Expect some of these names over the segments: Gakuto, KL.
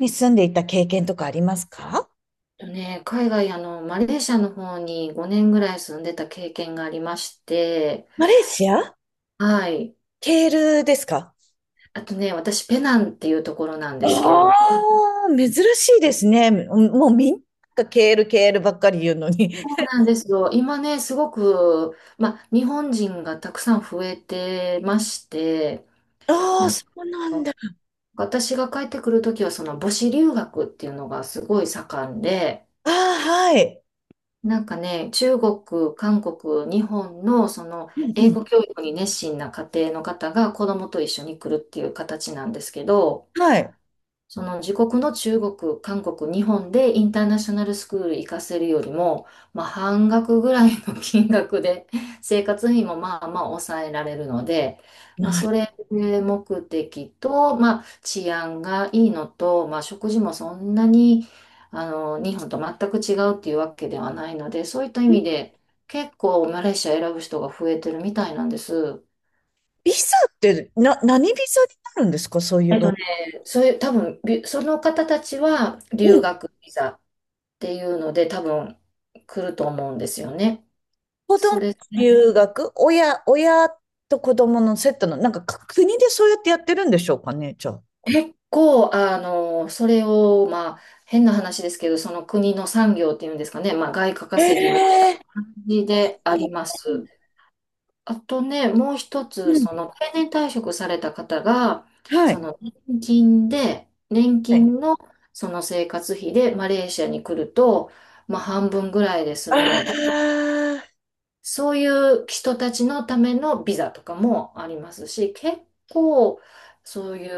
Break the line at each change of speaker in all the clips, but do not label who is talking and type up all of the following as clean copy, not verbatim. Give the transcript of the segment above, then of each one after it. に住んでいた経験とかありますか？
とね、海外、マレーシアの方に5年ぐらい住んでた経験がありまして、
マレーシア、
はい。
ケールですか？
あとね、私、ペナンっていうところなん
あ
ですけれど、
あー、珍しいですね。もうみんながケール、ケールばっかり言うのに。
そうなんですよ。今ね、すごく、日本人がたくさん増えてまして、
ああ、
なん
そ
か
うなんだ。
私が帰ってくるときは、その母子留学っていうのがすごい盛んで、
ああ、はい。
なんかね、中国、韓国、日本のその
うん
英
うん。
語教育に熱心な家庭の方が子供と一緒に来るっていう形なんですけど、
はい。
その自国の中国、韓国、日本でインターナショナルスクール行かせるよりも、まあ、半額ぐらいの 金額で 生活費もまあまあ抑えられるので、まあ、
なる
それ目的と、まあ、治安がいいのと、まあ、食事もそんなに日本と全く違うっていうわけではないので、そういった意味で結構マレーシア選ぶ人が増えてるみたいなんです。
ビザって、何ビザになるんですか、そういう
えっ
場
と
合？
ね、そういう、多分、その方たちは
う
留
ん。
学ビザ。ていうので多分来ると思うんですよね。
子
そ
供
れ
留学、親と子供のセットの、なんかか国でそうやってやってるんでしょうかね、じゃあ。
結構それをまあ変な話ですけどその国の産業っていうんですかね、まあ、外貨稼ぎみたい
え
な
え
感じであ
う
りま
ん。
す。あとねもう一
う
つ
ん
その定年退職された方が
は
そ
い。
の年金で年金のその生活費でマレーシアに来ると、まあ、半分ぐらいで 済
あ
むので。
あ、
そういう人たちのためのビザとかもありますし、結構、そうい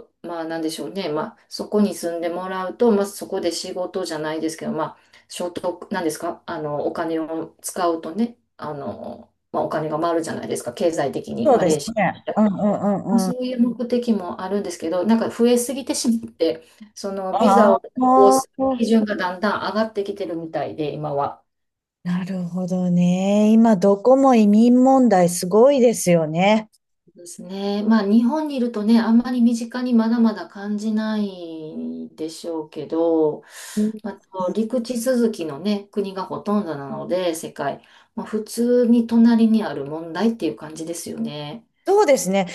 う、まあなんでしょうね、まあそこに住んでもらうと、まあそこで仕事じゃないですけど、まあ所得、なんですか、あの、お金を使うとね、あの、まあお金が回るじゃないですか、経済的に、
そう
マ
で
レ
す
ーシア
ね。
っ
うんう
て。
んう
まあ
んう
そ
ん。
ういう目的もあるんですけど、なんか増えすぎてしまって、そのビ
あ
ザ
あ、
を発行する基準がだんだん上がってきてるみたいで、今は。
なるほどね。今、どこも移民問題すごいですよね。
ですね。まあ日本にいるとね、あんまり身近にまだまだ感じないでしょうけど、
うん、
まあ、と陸地続きのね、国がほとんどなので、世界、まあ、普通に隣にある問題っていう感じですよね。
そうですね。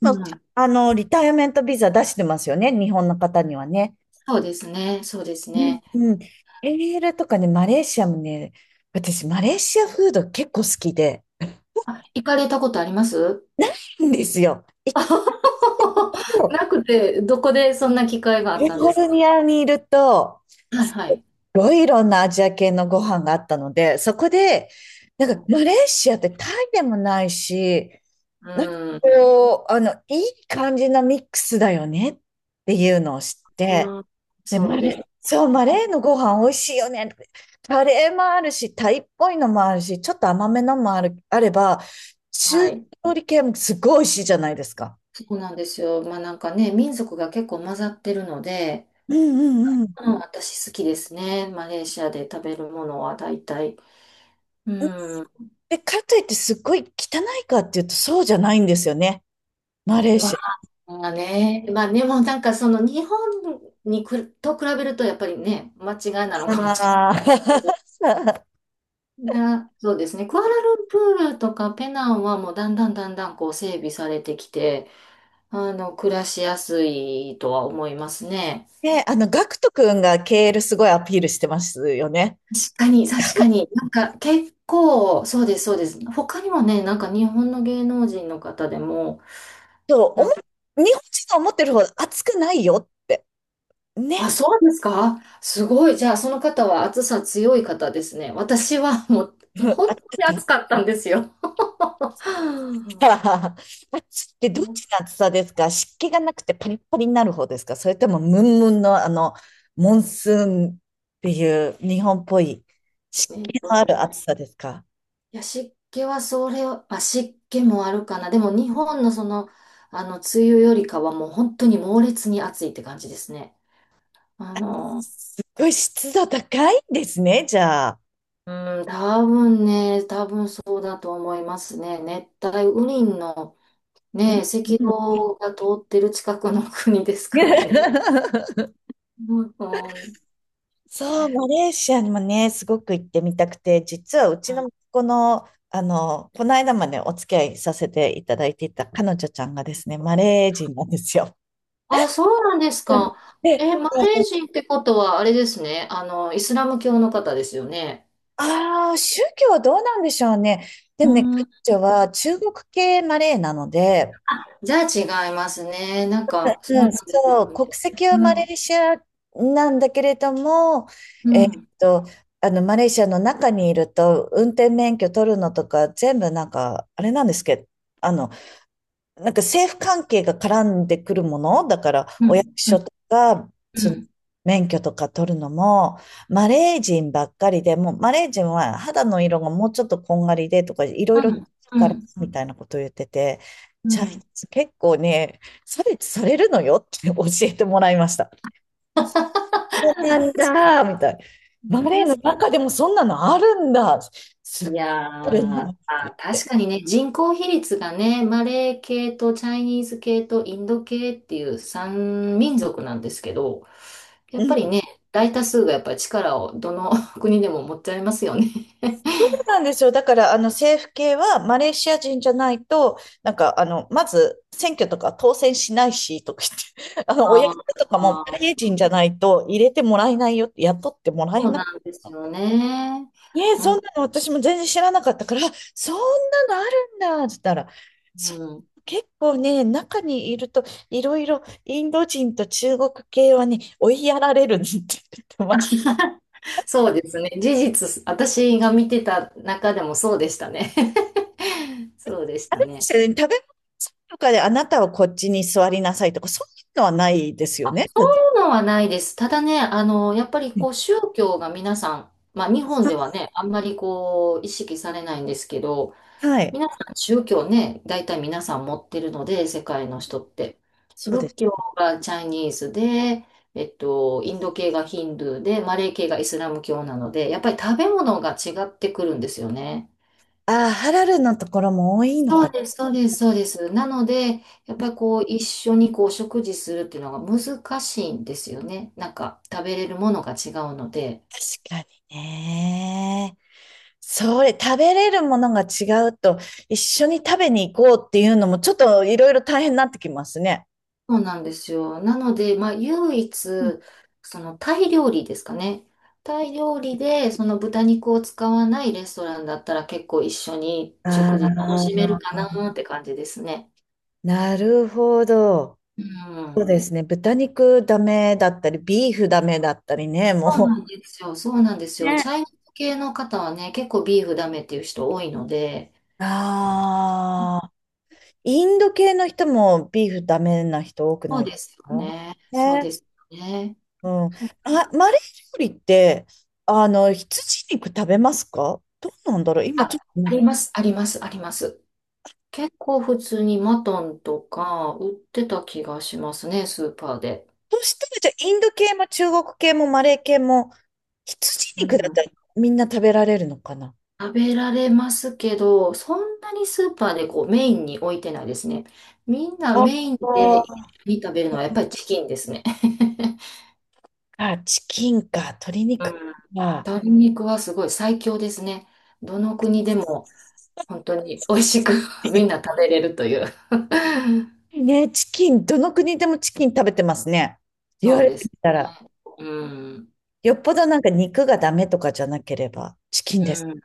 う
多分、
ん。
あの、リタイアメントビザ出してますよね。日本の方にはね。
そうですね、そうです
うん
ね。
うん。PL とかね、マレーシアもね、私、マレーシアフード結構好きで、
あ、行かれたことあります？
ないんですよ。一 個、
なくて、どこでそんな機会があ
カ
っ
リ
たん
フ
で
ォ
す
ルニ
か？
アにいると、
はいはい。
ろいろなアジア系のご飯があったので、そこで、なんかマレーシアってタイでもないし、なんか
うん。
こう、あの、いい感じのミックスだよねっていうのを知って、
うん、
で、
そうですね。
マレーのご飯美味しいよね。カレーもあるし、タイっぽいのもあるし、ちょっと甘めのもある、あれば、中
はい。
料理系もすごい美味しいじゃないですか。
そうなんですよ。まあなんかね、民族が結構混ざってるので、
うんうんうん。
うん、私好きですね。マレーシアで食べるものは大体。うん。
で、かといってすっごい汚いかっていうとそうじゃないんですよね、マレー
ま
シア。
あね、まあでもなんかその日本にくと比べるとやっぱりね、間違いなのかもし
あ
れない
あ。
けど。な、そうですね。クアラルンプールとかペナンはもうだんだんだんだんこう整備されてきて、あの、暮らしやすいとは思いますね。
で、あの、ガクト君が KL すごいアピールしてますよね。
確かに、確かに。なんか結構、そうです、そうです。他にもね、なんか日本の芸能人の方でも、
そう、お
な
も、
ん
日本人が思ってるほど熱くないよって。
あ、
ね。
そうですか？すごい。じゃあ、その方は暑さ強い方ですね。私はもう、も
う
う
んあ
本当に暑かったんですよ。はあ
熱ってどっちの熱さですか？湿気がなくてパリッパリになる方ですか？それともムンムンの、あの、モンスーンっていう日本っぽい湿
えっ
気
と
のあ
ね、
る暑さですか？
いや、湿気はそれを、あ、湿気もあるかな。でも日本のその、あの、梅雨よりかはもう本当に猛烈に暑いって感じですね。あの、
すっごい湿度高いんですね、じゃあ。
うん、多分ね、多分そうだと思いますね。熱帯雨林の
うん
ね、赤
うん。
道が通ってる近くの国ですからね。うん、うん。
そう、マレーシアにもね、すごく行ってみたくて、実はうちの子の、あの、この間までお付き合いさせていただいていた彼女ちゃんがですね、マレー人なんですよ。
あ、そうなんです
うん、
か。え、
で、
マレー人ってことはあれですね。あの、イスラム教の方ですよね。
ああ、宗教はどうなんでしょうね。で
う
もね、
ん、
彼女は中国系マレーなので、
じゃあ違いますね。なんか、そう
う
なん
ん、
です
そう、
よね。
国籍は
う
マレ
ん、
ーシアなんだけれども、
う
えーっ
ん、
と、あの、マレーシアの中にいると、運転免許取るのとか、全部なんか、あれなんですけど、あの、なんか政府関係が絡んでくるもの、だから
う
お役
ん、う
所
ん、
とか、そ
う
の
ん、
免許とか取るのも、マレー人ばっかりで、もうマレー人は肌の色がもうちょっとこんがりでとか、いろ
う
いろ違う
ん。う
から
ん
みたいなことを言ってて、チャイニー
う
ズ結構ね、差別されるのよって教えてもらいました。そうなんだ、みたいな。マレーの
ん
中でもそんなのあるんだ、すっ
いや
ごいあるな
ー、
って
あ、
言って。
確かにね、人口比率がね、マレー系とチャイニーズ系とインド系っていう3民族なんですけど、や
う
っぱり
ん
ね、大多数がやっぱり力をどの 国でも持っちゃいますよね。
なんですよ。だから、あの、政府系はマレーシア人じゃないと、なんか、あの、まず、選挙とか当選しないし、とか言って、あの、お役
あー
所とかも
あ
マレ
ー、
ー人じゃないと入れてもらえないよって、雇ってもらえ
そう
ない。
なんですよね。
ええ、
う
そん
ん、
なの私も全然知らなかったから、あ、そんなのあるんだ、って言ったら、
う
そ
ん、
う、結構ね、中にいると、いろいろインド人と中国系はね、追いやられるって言ってまし
そうですね。事実、私が見てた中でもそうでしたね。そうでし
あ
た
れで
ね。
すよね、食べ物とかであなたはこっちに座りなさいとか、そういうのはないですよね。
のはないです。ただね、あの、やっぱりこう宗教が皆さん、まあ日本ではね、あんまりこう意識されないんですけど、
はい。
皆さん宗教ね、大体皆さん持ってるので、世界の人って。
そうで
仏
す。
教がチャイニーズで、インド系がヒンドゥーで、マレー系がイスラム教なので、やっぱり食べ物が違ってくるんですよね。
ああ、ハラルのところも多いのか。
そう
確
です、そうです、そうです。なので、やっぱりこう、一緒にこう、食事するっていうのが難しいんですよね。なんか、食べれるものが違うので。
かにね。それ、食べれるものが違うと、一緒に食べに行こうっていうのも、ちょっといろいろ大変になってきますね。
そうなんですよ。なので、まあ、唯一、その、タイ料理ですかね。タイ料理で、その豚肉を使わないレストランだったら結構一緒に
あ
食事楽しめ
あ、
るかなって感じですね。
なるほど。
う
そう
ん。
ですね。豚肉ダメだったり、ビーフダメだったりね、
そう
も
なんですよ。そうなんです
う。
よ。
ね。
チャイナ系の方はね、結構ビーフダメっていう人多いので、
ああ。インド系の人もビーフダメな人多く
そ
な
う
いで
です
す
よ
か
ね。そう
ね？
ですよね。
うん。
そう
あ、マレー料理って、あの、羊肉食べますか？どうなんだろう今ちょ
あ
っと、
ります、あります、あります。結構普通にマトンとか売ってた気がしますね、スーパーで。
そしたらじゃあインド系も中国系もマレー系も羊
う
肉だっ
ん、
たらみんな食べられるのかな？
食べられますけど、そんなにスーパーでこうメインに置いてないですね。みんな
あ
メインで食べるのはやっぱりチキンですね。
あ、チキンか、鶏
う
肉
ん、
か。
鶏 肉はすごい最強ですね。どの国でも本当に美味しく みんな食べれるという。
ね、チキン、どの国でもチキン食べてますね、言わ
そう
れて
で
み
す
た
ね。
ら。
うん。
よっぽどなんか肉がダメとかじゃなければ、チキンで
う
す。
ん。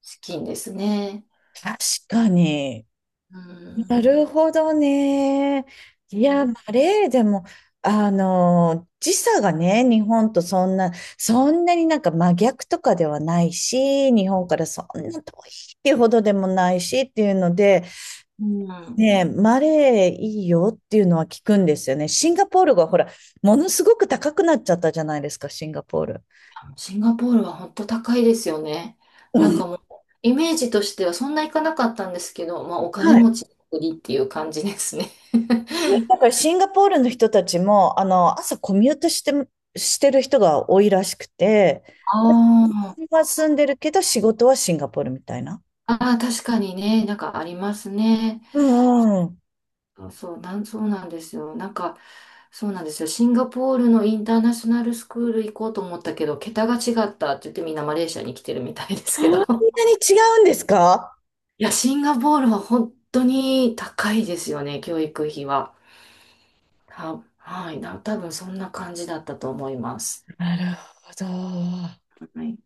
資金ですね。
確かに。
う
な
ん。
るほどね。い
う
や、マ
ん。
レーでも、あの、時差がね、日本とそんなになんか真逆とかではないし、日本からそんな遠いっていうほどでもないしっていうので、
うん。
ね、マレーいいよっていうのは聞くんですよね。シンガポールがほら、ものすごく高くなっちゃったじゃないですか、シンガポール。
シンガポールは本当高いですよね。
う
なん
ん、
かもう、イメージとしてはそんないかなかったんですけど、まあお金
はい、
持ちの国っていう感じですね。
ね、だからシンガポールの人たちも、あの、朝コミュートして、してる人が多いらしくて、
あー
今住んでるけど仕事はシンガポールみたいな。
あー、確かにね、なんかありますね。
うんうん。
そうそう、なん、そうなんですよ。なんか、そうなんですよ。シンガポールのインターナショナルスクール行こうと思ったけど、桁が違ったって言ってみんなマレーシアに来てるみたいです
そ
け
ん
ど。
なに違うんですか？
いや、シンガポールは本当に高いですよね、教育費は。た、はい、な、多分そんな感じだったと思います。
なるほど。
はい。